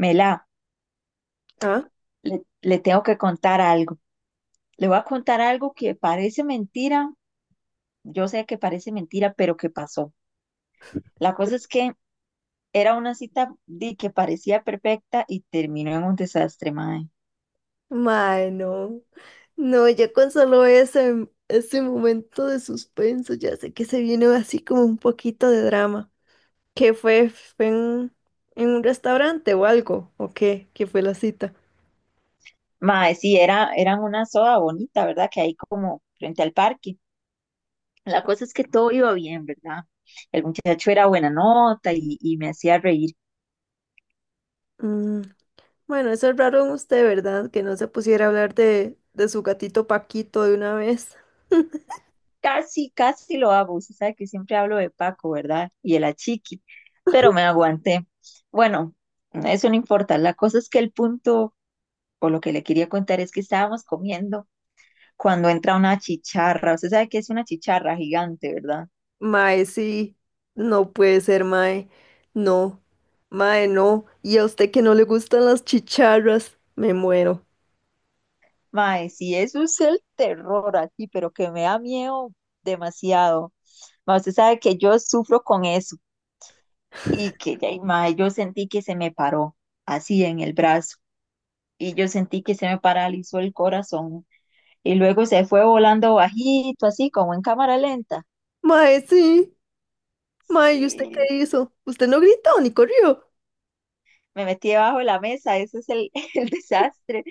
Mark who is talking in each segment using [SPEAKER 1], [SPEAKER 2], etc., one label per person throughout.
[SPEAKER 1] Mela,
[SPEAKER 2] Ah,
[SPEAKER 1] le tengo que contar algo. Le voy a contar algo que parece mentira. Yo sé que parece mentira, pero que pasó. La cosa es que era una cita di, que parecía perfecta y terminó en un desastre, mae.
[SPEAKER 2] mae, no. No, ya con solo ese momento de suspenso, ya sé que se viene así como un poquito de drama. ¿Qué fue? ¿Fue en un restaurante o algo? ¿O qué? ¿Qué fue la cita?
[SPEAKER 1] Mae, sí, era, eran una soda bonita, ¿verdad? Que hay como frente al parque. La cosa es que todo iba bien, ¿verdad? El muchacho era buena nota y me hacía reír.
[SPEAKER 2] Mm, bueno, eso es raro en usted, ¿verdad? Que no se pusiera a hablar de su gatito Paquito de una vez.
[SPEAKER 1] Casi, casi lo hago. Usted sabe que siempre hablo de Paco, ¿verdad? Y el achiqui, pero me aguanté. Bueno, eso no importa. La cosa es que el punto, o lo que le quería contar, es que estábamos comiendo cuando entra una chicharra. Usted sabe que es una chicharra gigante, ¿verdad?
[SPEAKER 2] Mae, sí. No puede ser, mae. No. Mae, no. Y a usted que no le gustan las chicharras, me muero.
[SPEAKER 1] Mae, sí, eso es el terror aquí, pero que me da miedo demasiado. Mae, usted sabe que yo sufro con eso y que, ya, mae, yo sentí que se me paró así en el brazo. Y yo sentí que se me paralizó el corazón y luego se fue volando bajito, así como en cámara lenta.
[SPEAKER 2] Mae, sí. May, ¿y usted qué
[SPEAKER 1] Sí,
[SPEAKER 2] hizo? Usted no gritó ni corrió.
[SPEAKER 1] me metí debajo de la mesa, ese es el, el desastre,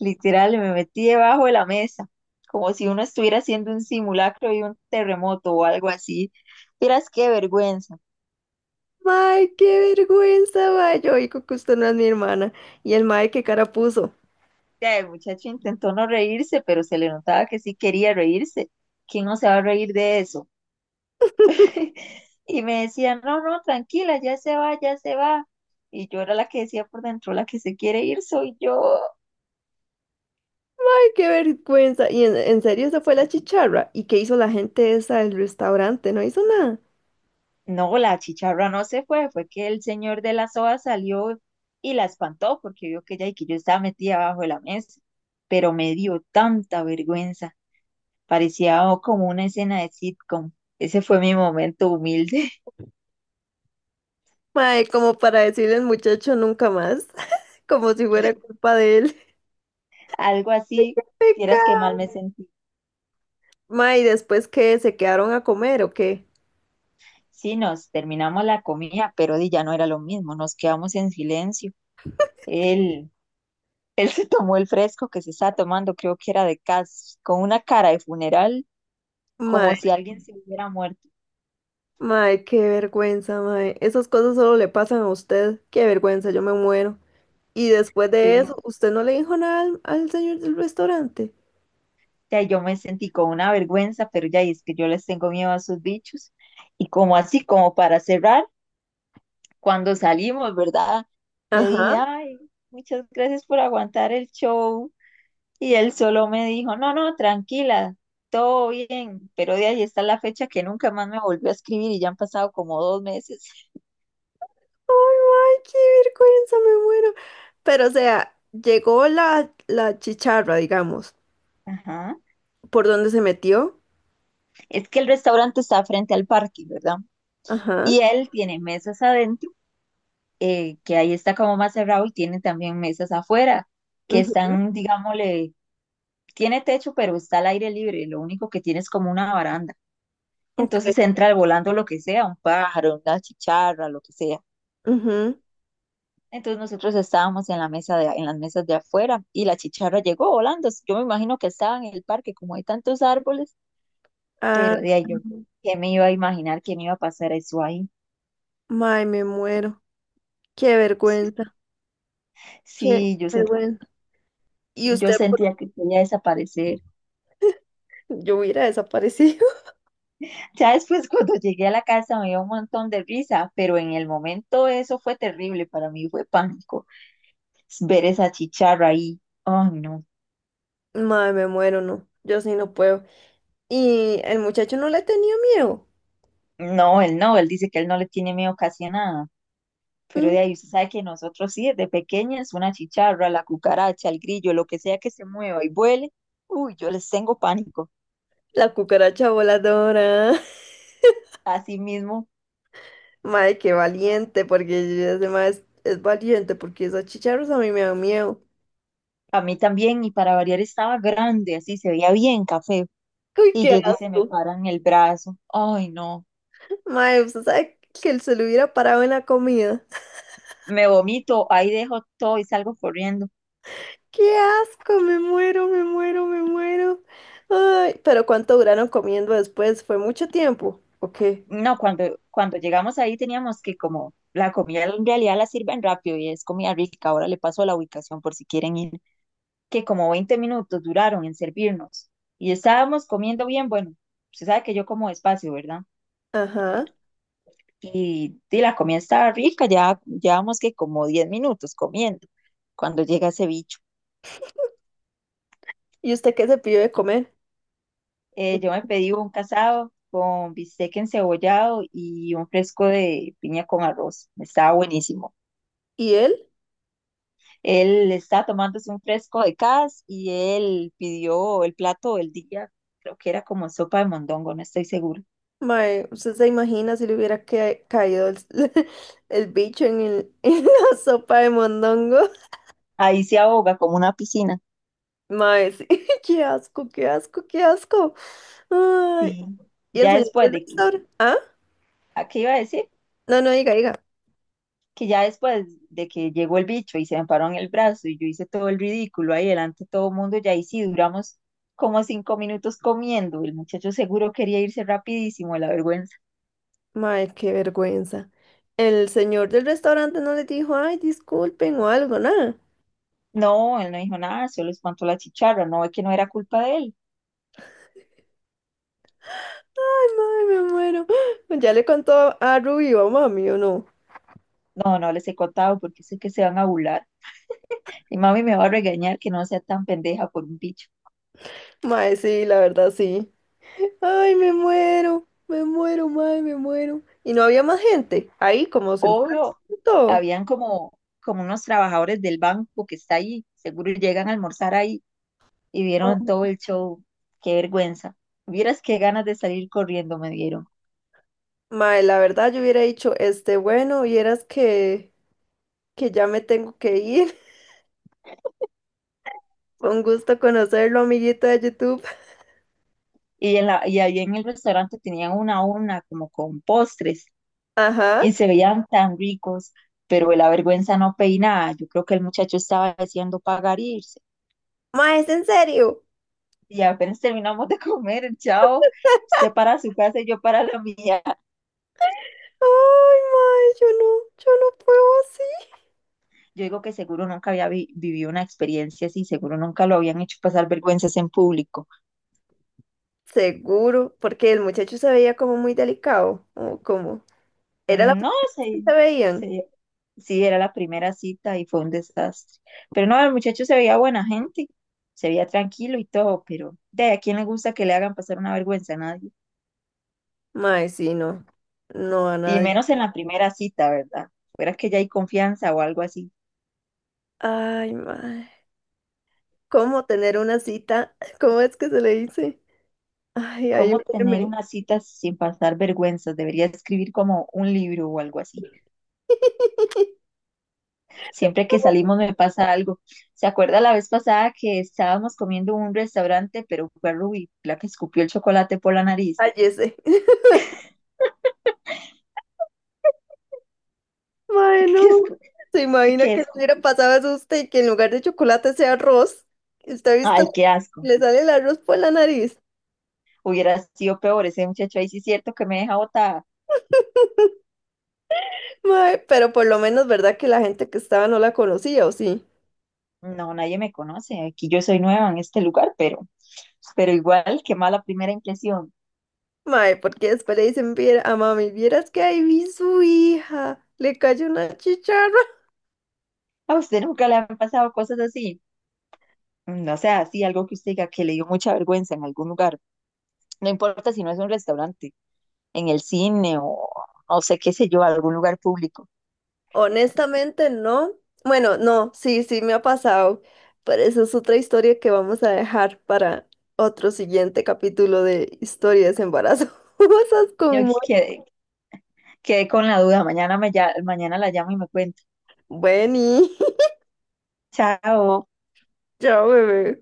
[SPEAKER 1] literal, me metí debajo de la mesa, como si uno estuviera haciendo un simulacro de un terremoto o algo así. Miras qué vergüenza.
[SPEAKER 2] May, qué vergüenza, may. Yo digo que usted no es mi hermana. Y el may, qué cara puso.
[SPEAKER 1] Ya, el muchacho intentó no reírse, pero se le notaba que sí quería reírse. ¿Quién no se va a reír de eso? Y me decían, no, no, tranquila, ya se va, ya se va. Y yo era la que decía por dentro, la que se quiere ir soy yo.
[SPEAKER 2] May, qué vergüenza. Y en serio, esa fue la chicharra. ¿Y qué hizo la gente esa del restaurante? No hizo nada.
[SPEAKER 1] No, la chicharra no se fue, fue que el señor de la soa salió y la espantó porque vio que ella y que yo estaba metida abajo de la mesa. Pero me dio tanta vergüenza, parecía como una escena de sitcom. Ese fue mi momento humilde,
[SPEAKER 2] May, como para decirle al muchacho nunca más, como si fuera culpa de él.
[SPEAKER 1] algo
[SPEAKER 2] Ay,
[SPEAKER 1] así,
[SPEAKER 2] ¡qué
[SPEAKER 1] quieras que mal
[SPEAKER 2] pecado!
[SPEAKER 1] me sentí.
[SPEAKER 2] May, ¿después qué? ¿Se quedaron a comer o qué?
[SPEAKER 1] Sí, nos terminamos la comida, pero di, ya no era lo mismo, nos quedamos en silencio. Él, él se tomó el fresco que se estaba tomando, creo que era de cas, con una cara de funeral,
[SPEAKER 2] May,
[SPEAKER 1] como si alguien se hubiera muerto.
[SPEAKER 2] may, qué vergüenza, may. Esas cosas solo le pasan a usted. Qué vergüenza, yo me muero. Y después de eso,
[SPEAKER 1] Sí.
[SPEAKER 2] ¿usted no le dijo nada al señor del restaurante?
[SPEAKER 1] Ya yo me sentí con una vergüenza, pero ya y es que yo les tengo miedo a esos bichos. Y como así, como para cerrar, cuando salimos, ¿verdad? Le dije,
[SPEAKER 2] Ajá.
[SPEAKER 1] ay, muchas gracias por aguantar el show. Y él solo me dijo, no, no, tranquila, todo bien, pero de ahí está la fecha que nunca más me volvió a escribir y ya han pasado como 2 meses.
[SPEAKER 2] Ay, ay, qué vergüenza, me muero. Pero, o sea, llegó la chicharra, digamos,
[SPEAKER 1] Ajá.
[SPEAKER 2] por donde se metió.
[SPEAKER 1] Es que el restaurante está frente al parque, ¿verdad?
[SPEAKER 2] Ajá.
[SPEAKER 1] Y él tiene mesas adentro, que ahí está como más cerrado, y tiene también mesas afuera, que
[SPEAKER 2] Ujú.
[SPEAKER 1] están, digámosle, tiene techo, pero está al aire libre, lo único que tiene es como una baranda.
[SPEAKER 2] Ok.
[SPEAKER 1] Entonces entra volando lo que sea, un pájaro, una chicharra, lo que sea.
[SPEAKER 2] Ujú.
[SPEAKER 1] Entonces nosotros estábamos en la mesa de, en las mesas de afuera y la chicharra llegó volando. Yo me imagino que estaba en el parque, como hay tantos árboles,
[SPEAKER 2] Ah,
[SPEAKER 1] pero de ahí yo, ¿qué me iba a imaginar que me iba a pasar eso ahí?
[SPEAKER 2] ay, me muero. Qué vergüenza. Qué
[SPEAKER 1] Sí, yo.
[SPEAKER 2] vergüenza. Y
[SPEAKER 1] Yo
[SPEAKER 2] usted, por...
[SPEAKER 1] sentía que quería desaparecer.
[SPEAKER 2] yo hubiera desaparecido.
[SPEAKER 1] Ya después, cuando llegué a la casa, me dio un montón de risa, pero en el momento eso fue terrible para mí, fue pánico. Ver esa chicharra ahí. Oh, no.
[SPEAKER 2] Ay, me muero, no. Yo sí no puedo. Y el muchacho no le tenía miedo.
[SPEAKER 1] No, él no, él dice que él no le tiene miedo casi a nada. Pero
[SPEAKER 2] Mm.
[SPEAKER 1] de ahí usted sabe que nosotros sí, desde pequeñas, una chicharra, la cucaracha, el grillo, lo que sea que se mueva y vuele, uy, yo les tengo pánico.
[SPEAKER 2] La cucaracha voladora.
[SPEAKER 1] Así mismo,
[SPEAKER 2] Madre, qué valiente, porque yo ya mae, es valiente, porque esos chicharros a mí me dan miedo.
[SPEAKER 1] a mí también, y para variar estaba grande, así se veía bien café,
[SPEAKER 2] Uy,
[SPEAKER 1] y
[SPEAKER 2] qué
[SPEAKER 1] llega y se me
[SPEAKER 2] asco.
[SPEAKER 1] para en el brazo. Ay, no,
[SPEAKER 2] Madre, usted sabe que él se lo hubiera parado en la comida.
[SPEAKER 1] me vomito, ahí dejo todo y salgo corriendo.
[SPEAKER 2] ¡Qué asco! Me muero, me muero, me muero. Ay, pero ¿cuánto duraron comiendo después? ¿Fue mucho tiempo? ¿O qué?
[SPEAKER 1] No, cuando llegamos ahí teníamos que como la comida en realidad la sirven rápido y es comida rica. Ahora le paso la ubicación por si quieren ir, que como 20 minutos duraron en servirnos y estábamos comiendo bien. Bueno, se sabe que yo como despacio, ¿verdad?
[SPEAKER 2] Ajá.
[SPEAKER 1] Y la comida estaba rica, ya llevamos que como 10 minutos comiendo cuando llega ese bicho.
[SPEAKER 2] ¿Y usted qué se pidió de comer? ¿Y,
[SPEAKER 1] Yo me pedí un casado con bistec encebollado y un fresco de piña con arroz. Estaba buenísimo.
[SPEAKER 2] y él?
[SPEAKER 1] Él estaba tomándose un fresco de cas y él pidió el plato del día, creo que era como sopa de mondongo, no estoy seguro.
[SPEAKER 2] Mae, ¿usted se imagina si le hubiera caído el, el bicho en el... en la sopa de mondongo?
[SPEAKER 1] Ahí se ahoga como una piscina.
[SPEAKER 2] Mae, sí. Qué asco, qué asco, qué asco. Ay,
[SPEAKER 1] Sí.
[SPEAKER 2] y el
[SPEAKER 1] Ya
[SPEAKER 2] señor
[SPEAKER 1] después
[SPEAKER 2] del
[SPEAKER 1] de que,
[SPEAKER 2] restaurante. Ah,
[SPEAKER 1] ¿a qué iba a decir?
[SPEAKER 2] no, no, diga, diga.
[SPEAKER 1] Que ya después de que llegó el bicho y se me paró en el brazo y yo hice todo el ridículo ahí delante de todo el mundo, ya ahí sí duramos como 5 minutos comiendo. El muchacho seguro quería irse rapidísimo de la vergüenza.
[SPEAKER 2] Mae, qué vergüenza. El señor del restaurante no le dijo, ay, disculpen o algo, nada.
[SPEAKER 1] No, él no dijo nada, solo espantó la chicharra, no es que no era culpa de él.
[SPEAKER 2] Ay, mae, me muero. Ya le contó a Ruby o a mami o no.
[SPEAKER 1] No, no les he contado porque sé que se van a burlar. Y mami me va a regañar que no sea tan pendeja por un bicho.
[SPEAKER 2] Mae, sí, la verdad, sí. Ay, me muero, mae, me muero. Y no había más gente ahí, como sentado.
[SPEAKER 1] Obvio, habían como, como unos trabajadores del banco que está ahí, seguro llegan a almorzar ahí y vieron todo el show. Qué vergüenza. Vieras qué ganas de salir corriendo me dieron.
[SPEAKER 2] Mae, la verdad, yo hubiera dicho, este, bueno, vieras que... que ya me tengo que ir. Fue un gusto conocerlo, amiguito de YouTube.
[SPEAKER 1] Y, en la, y ahí en el restaurante tenían una a una como con postres
[SPEAKER 2] Ajá.
[SPEAKER 1] y se veían tan ricos, pero la vergüenza no peinaba. Yo creo que el muchacho estaba deseando pagar e irse.
[SPEAKER 2] Ma, ¿es en serio?
[SPEAKER 1] Y apenas terminamos de comer, el chavo, usted para su casa y yo para la mía.
[SPEAKER 2] Ay, ma, yo no, yo no puedo así.
[SPEAKER 1] Yo digo que seguro nunca había vi- vivido una experiencia así, seguro nunca lo habían hecho pasar vergüenzas en público.
[SPEAKER 2] Seguro, porque el muchacho se veía como muy delicado, o como... ¿Era la
[SPEAKER 1] No,
[SPEAKER 2] primera vez que
[SPEAKER 1] se,
[SPEAKER 2] se veían?
[SPEAKER 1] se sí, era la primera cita y fue un desastre. Pero no, el muchacho se veía buena gente, se veía tranquilo y todo, pero de a quién le gusta que le hagan pasar una vergüenza a nadie.
[SPEAKER 2] Ma, sí, no. No a
[SPEAKER 1] Y
[SPEAKER 2] nadie.
[SPEAKER 1] menos en la primera cita, ¿verdad? Fuera que ya hay confianza o algo así.
[SPEAKER 2] Ay, ma. ¿Cómo tener una cita? ¿Cómo es que se le dice? Ay,
[SPEAKER 1] ¿Cómo tener
[SPEAKER 2] ayúdeme.
[SPEAKER 1] una cita sin pasar vergüenzas? Debería escribir como un libro o algo así. Siempre que salimos me pasa algo. ¿Se acuerda la vez pasada que estábamos comiendo en un restaurante, pero fue Ruby la que escupió el chocolate por la nariz?
[SPEAKER 2] Cállese. Mae, no.
[SPEAKER 1] Que, escu-
[SPEAKER 2] ¿Se
[SPEAKER 1] que
[SPEAKER 2] imagina que le
[SPEAKER 1] escu-
[SPEAKER 2] hubiera pasado eso a usted y que en lugar de chocolate sea arroz? ¿Usted ha visto?
[SPEAKER 1] Ay, qué asco.
[SPEAKER 2] Le sale el arroz por la nariz.
[SPEAKER 1] Hubiera sido peor, ese muchacho ahí sí es cierto que me deja botada.
[SPEAKER 2] Mae, pero por lo menos, ¿verdad que la gente que estaba no la conocía o sí?
[SPEAKER 1] No, nadie me conoce, aquí yo soy nueva en este lugar, pero igual, qué mala primera impresión.
[SPEAKER 2] Mae, porque después le dicen, "Viera... a mami, vieras que ahí vi su hija, le cayó una chicharra."
[SPEAKER 1] ¿A usted nunca le han pasado cosas así? No sea así, algo que usted diga que le dio mucha vergüenza en algún lugar. No importa si no es un restaurante, en el cine o no sé qué sé yo, algún lugar público.
[SPEAKER 2] Honestamente, no. Bueno, no, sí, sí me ha pasado, pero eso es otra historia que vamos a dejar para otro siguiente capítulo de historias embarazosas
[SPEAKER 1] Yo
[SPEAKER 2] con
[SPEAKER 1] que-
[SPEAKER 2] Mónica.
[SPEAKER 1] quedé, quedé con la duda, mañana, me, ya- mañana la llamo y me cuenta.
[SPEAKER 2] Bueno,
[SPEAKER 1] Chao.
[SPEAKER 2] chao, bebé.